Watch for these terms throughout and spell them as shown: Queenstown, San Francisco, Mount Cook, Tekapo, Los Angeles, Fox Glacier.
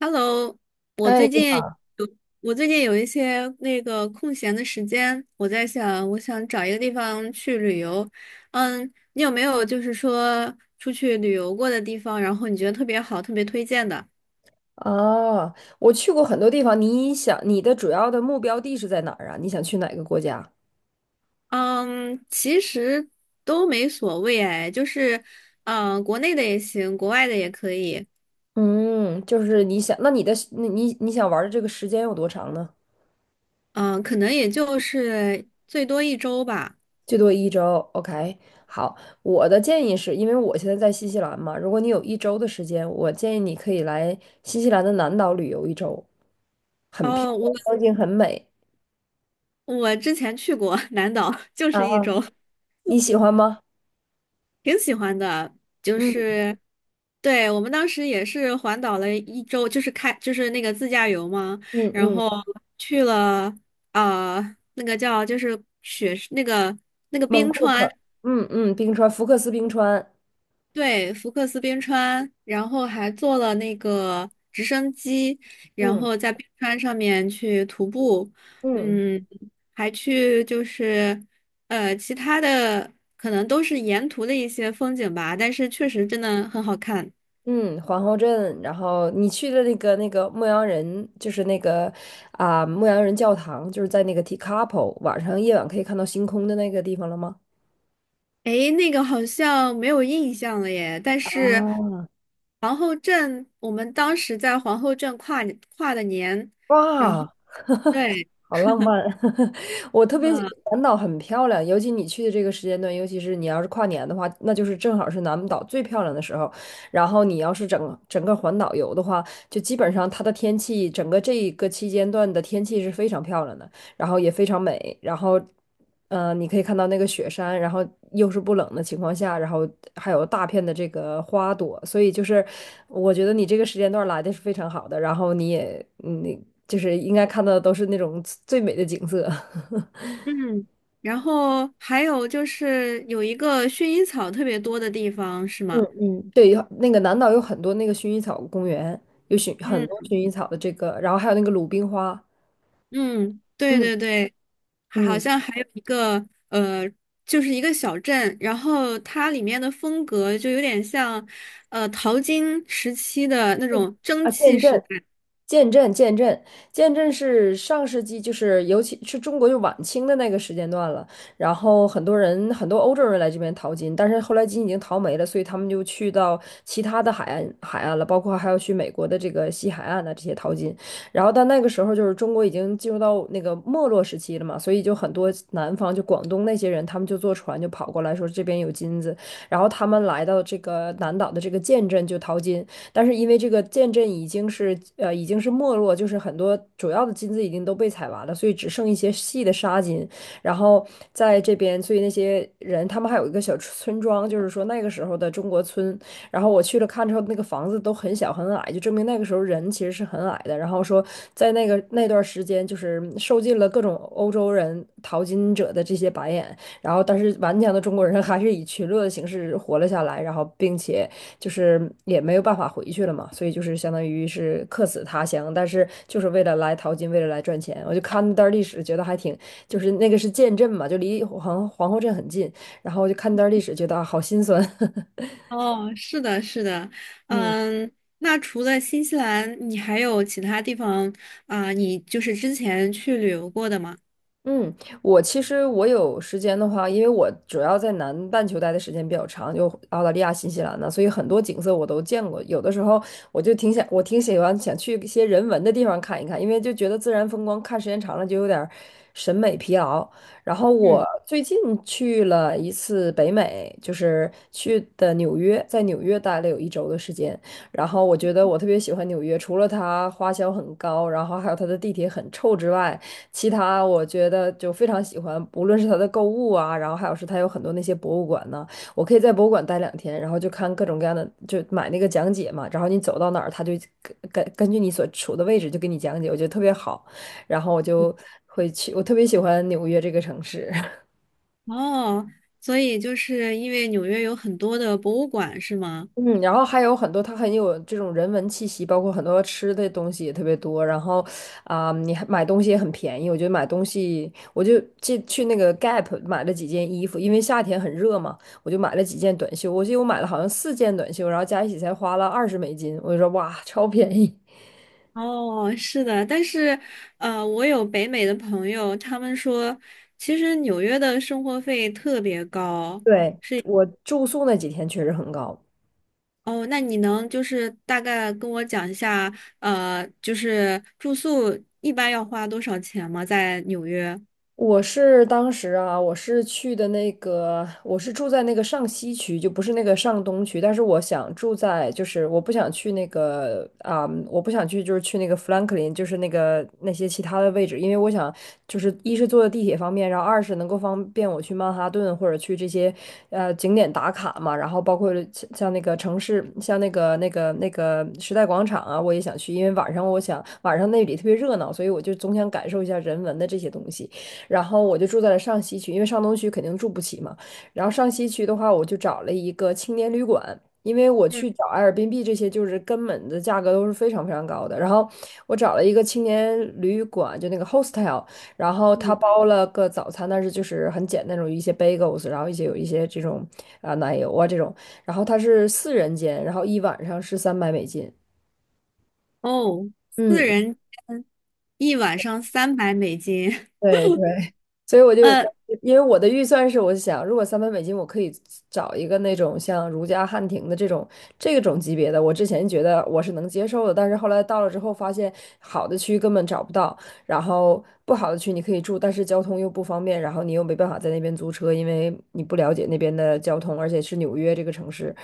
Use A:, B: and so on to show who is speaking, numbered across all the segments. A: Hello，我
B: 哎，
A: 最
B: 你
A: 近
B: 好。
A: 有一些那个空闲的时间，我在想，我想找一个地方去旅游。嗯，你有没有就是说出去旅游过的地方，然后你觉得特别好、特别推荐的？
B: 哦，我去过很多地方。你想，你的主要的目标地是在哪儿啊？你想去哪个国家？
A: 嗯，其实都没所谓哎，就是国内的也行，国外的也可以。
B: 嗯，就是你想，那你的你想玩的这个时间有多长呢？
A: 嗯、可能也就是最多一周吧。
B: 最多一周。OK，好，我的建议是，因为我现在在新西兰嘛，如果你有一周的时间，我建议你可以来新西兰的南岛旅游一周，很漂
A: 哦，我
B: 亮，风景很美
A: 我之前去过 南岛，就是一
B: 啊，
A: 周。
B: 你喜欢吗？
A: 挺喜欢的，就
B: 嗯
A: 是对我们当时也是环岛了一周，就是那个自驾游嘛，
B: 嗯
A: 然
B: 嗯，
A: 后去了那个叫就是雪那个那个
B: 蒙
A: 冰
B: 库
A: 川，
B: 克，嗯嗯，冰川，福克斯冰川，
A: 对，福克斯冰川，然后还坐了那个直升机，然
B: 嗯
A: 后在冰川上面去徒步。
B: 嗯。
A: 嗯，还去就是其他的可能都是沿途的一些风景吧，但是确实真的很好看。
B: 嗯，皇后镇，然后你去的那个牧羊人，就是那个牧羊人教堂，就是在那个 Tekapo 晚上夜晚可以看到星空的那个地方了吗？
A: 诶，那个好像没有印象了耶，但
B: 啊，
A: 是皇后镇，我们当时在皇后镇跨的年，然后
B: 哇，
A: 对。
B: 好浪漫！我特别喜南岛很漂亮，尤其你去的这个时间段，尤其是你要是跨年的话，那就是正好是南岛最漂亮的时候。然后你要是整个环岛游的话，就基本上它的天气，整个这一个期间段的天气是非常漂亮的。然后也非常美，然后，你可以看到那个雪山，然后又是不冷的情况下，然后还有大片的这个花朵，所以就是我觉得你这个时间段来的是非常好的，然后你也你就是应该看到的都是那种最美的景色。
A: 嗯，然后还有就是有一个薰衣草特别多的地方，是吗？
B: 嗯嗯，对，有那个南岛有很多那个薰衣草公园，有薰很多
A: 嗯
B: 薰衣草的这个，然后还有那个鲁冰花，
A: 嗯，对
B: 嗯，
A: 对对，还好
B: 嗯。
A: 像还有一个，就是一个小镇，然后它里面的风格就有点像淘金时期的那种蒸
B: 啊，
A: 汽
B: 见
A: 时
B: 证。
A: 代。
B: 见证，见证，见证是上世纪，就是尤其是中国就晚清的那个时间段了。然后很多人，很多欧洲人来这边淘金，但是后来金已经淘没了，所以他们就去到其他的海岸了，包括还要去美国的这个西海岸的这些淘金。然后到那个时候就是中国已经进入到那个没落时期了嘛，所以就很多南方就广东那些人，他们就坐船就跑过来说这边有金子，然后他们来到这个南岛的这个建镇就淘金。但是因为这个建镇已经是已经是没落，就是很多主要的金子已经都被采完了，所以只剩一些细的沙金。然后在这边，所以那些人他们还有一个小村庄，就是说那个时候的中国村。然后我去了看之后，那个房子都很小很矮，就证明那个时候人其实是很矮的。然后说在那个那段时间，就是受尽了各种欧洲人淘金者的这些白眼，然后但是顽强的中国人还是以群落的形式活了下来，然后并且就是也没有办法回去了嘛，所以就是相当于是客死他乡，但是就是为了来淘金，为了来赚钱。我就看那段历史，觉得还挺，就是那个是建镇嘛，就离皇后镇很近，然后就看那段历史，觉得啊好心酸。
A: 哦，是的，是的，
B: 嗯
A: 嗯，那除了新西兰，你还有其他地方啊，你就是之前去旅游过的吗？
B: 嗯，我其实我有时间的话，因为我主要在南半球待的时间比较长，就澳大利亚、新西兰呢，所以很多景色我都见过。有的时候我就挺想，我挺喜欢想去一些人文的地方看一看，因为就觉得自然风光看时间长了就有点儿审美疲劳。然后
A: 嗯。
B: 我最近去了一次北美，就是去的纽约，在纽约待了有一周的时间。然后我觉得我特别喜欢纽约，除了它花销很高，然后还有它的地铁很臭之外。其他我觉得就非常喜欢，无论是它的购物啊，然后还有是它有很多那些博物馆呢，我可以在博物馆待2天，然后就看各种各样的，就买那个讲解嘛，然后你走到哪儿，它就根据你所处的位置就给你讲解，我觉得特别好，然后我就会去，我特别喜欢纽约这个城市。
A: 哦，所以就是因为纽约有很多的博物馆，是吗？
B: 嗯，然后还有很多，它很有这种人文气息，包括很多吃的东西也特别多。然后，你还买东西也很便宜。我觉得买东西，我就去那个 Gap 买了几件衣服，因为夏天很热嘛，我就买了几件短袖。我记得我买了好像四件短袖，然后加一起才花了20美金。我就说哇，超便宜。
A: 哦，是的，但是，我有北美的朋友，他们说，其实纽约的生活费特别高。
B: 对，我住宿那几天确实很高。
A: 哦，那你能就是大概跟我讲一下，就是住宿一般要花多少钱吗？在纽约？
B: 我是当时啊，我是去的那个，我是住在那个上西区，就不是那个上东区。但是我想住在，就是我不想去那个我不想去，就是去那个富兰克林，就是那个那些其他的位置，因为我想，就是一是坐地铁方便，然后二是能够方便我去曼哈顿或者去这些呃景点打卡嘛。然后包括像那个城市，像那个时代广场啊，我也想去，因为晚上我想晚上那里特别热闹，所以我就总想感受一下人文的这些东西。然后我就住在了上西区，因为上东区肯定住不起嘛。然后上西区的话，我就找了一个青年旅馆，因为我
A: 嗯
B: 去找 a 尔 r 币这些，就是根本的价格都是非常非常高的。然后我找了一个青年旅馆，就那个 hostel，然后他
A: 嗯，
B: 包了个早餐，但是就是很简单那种一些 bagels，然后一些有一些这种奶油啊这种，然后它是四人间，然后一晚上是三百美金。
A: 哦，
B: 嗯
A: 四
B: 嗯
A: 人间一晚上三百美金，
B: 对 对，所以我 就当
A: 呃，
B: 时 因为我的预算是，我想如果三百美金，我可以找一个那种像如家、汉庭的这种这种级别的，我之前觉得我是能接受的，但是后来到了之后发现，好的区根本找不到，然后不好的区你可以住，但是交通又不方便，然后你又没办法在那边租车，因为你不了解那边的交通，而且是纽约这个城市，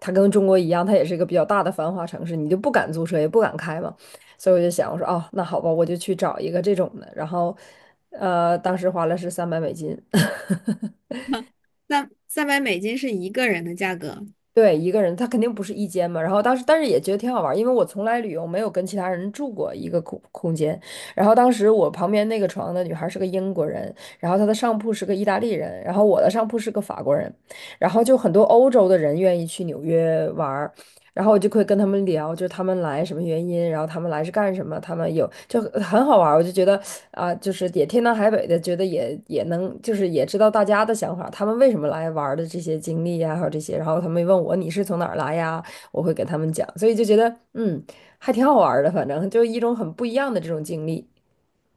B: 它跟中国一样，它也是一个比较大的繁华城市，你就不敢租车，也不敢开嘛。所以我就想，我说哦，那好吧，我就去找一个这种的。然后，呃，当时花了是三百美金，
A: 三百美金是一个人的价格。
B: 对，一个人，他肯定不是一间嘛。然后当时，但是也觉得挺好玩儿因为我从来旅游没有跟其他人住过一个空间。然后当时我旁边那个床的女孩是个英国人，然后她的上铺是个意大利人，然后我的上铺是个法国人，然后就很多欧洲的人愿意去纽约玩。然后我就会跟他们聊，就是他们来什么原因，然后他们来是干什么，他们有就很好玩儿我就觉得啊、就是也天南海北的，觉得也能，就是也知道大家的想法，他们为什么来玩儿的这些经历呀，还有这些，然后他们问我你是从哪儿来呀，我会给他们讲，所以就觉得,还挺好玩儿的，反正就一种很不一样的这种经历。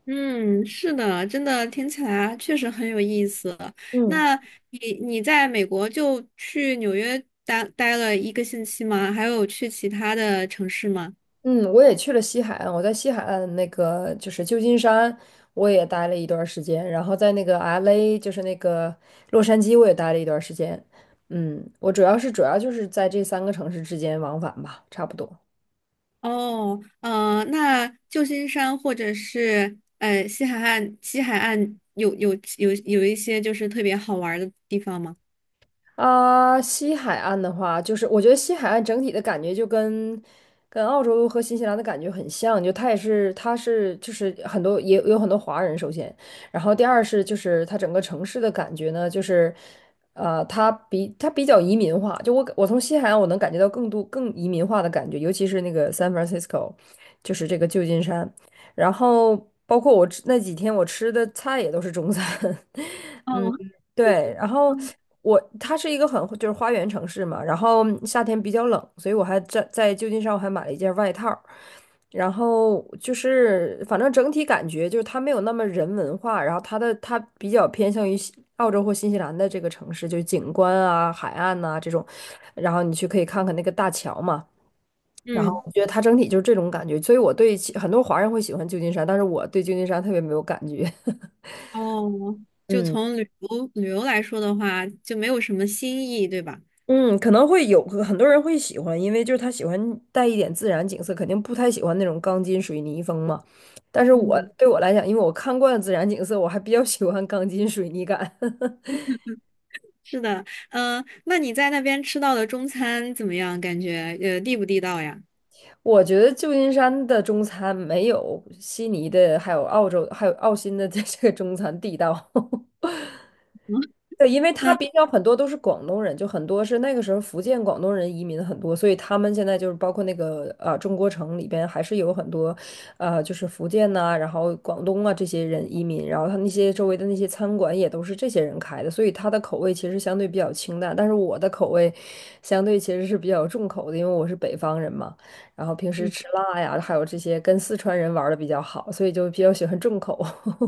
A: 嗯，是的，真的听起来确实很有意思。
B: 嗯。
A: 那你在美国就去纽约待了1个星期吗？还有去其他的城市吗？
B: 嗯，我也去了西海岸，我在西海岸那个就是旧金山，我也待了一段儿时间，然后在那个 LA，就是那个洛杉矶，我也待了一段儿时间。嗯，我主要就是在这三个城市之间往返吧，差不多。
A: 哦，那旧金山或者是西海岸，西海岸有有有一些就是特别好玩儿的地方吗？
B: 啊，西海岸的话，就是我觉得西海岸整体的感觉就跟澳洲和新西兰的感觉很像，就它也是，它是就是很多也有很多华人，首先，然后第二是就是它整个城市的感觉呢，就是它比较移民化，就我从西海岸我能感觉到更移民化的感觉，尤其是那个 San Francisco，就是这个旧金山，然后包括那几天我吃的菜也都是中餐，嗯。
A: 哦，
B: 对，然后
A: 嗯，
B: 它是一个就是花园城市嘛，然后夏天比较冷，所以在旧金山我还买了一件外套儿，然后就是反正整体感觉就是它没有那么人文化，然后它比较偏向于西澳洲或新西兰的这个城市，就是景观啊、海岸呐、这种，然后你去可以看看那个大桥嘛。然后
A: 嗯
B: 我觉得它整体就是这种感觉，所以其很多华人会喜欢旧金山，但是我对旧金山特别没有感觉。
A: 哦，就
B: 嗯。
A: 从旅游来说的话，就没有什么新意，对吧？
B: 嗯，可能会有很多人会喜欢，因为就是他喜欢带一点自然景色，肯定不太喜欢那种钢筋水泥风嘛。但是
A: 嗯。
B: 我来讲，因为我看惯了自然景色，我还比较喜欢钢筋水泥感。
A: 是的，嗯、那你在那边吃到的中餐怎么样？感觉地不地道呀？
B: 我觉得旧金山的中餐没有悉尼的，还有澳洲，还有澳新的这个中餐地道。
A: 嗯
B: 对，因为他
A: 嗯
B: 很多都是广东人，就很多是那个时候福建广东人移民很多，所以他们现在就是包括那个中国城里边还是有很多，就是福建呐、然后广东啊这些人移民，然后他那些周围的那些餐馆也都是这些人开的，所以他的口味其实相对比较清淡，但是我的口味相对其实是比较重口的，因为我是北方人嘛，然后平时吃辣呀，还有这些跟四川人玩的比较好，所以就比较喜欢重口。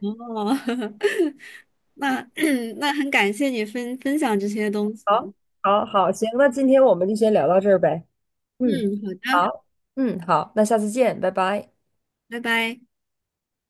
A: 哦，那 那很感谢你分享这些东
B: 好，
A: 西。
B: 好，好，行，那今天我们就先聊到这儿呗。
A: 嗯，
B: 嗯，
A: 好的，
B: 好，嗯，好，那下次见，拜拜。
A: 拜拜。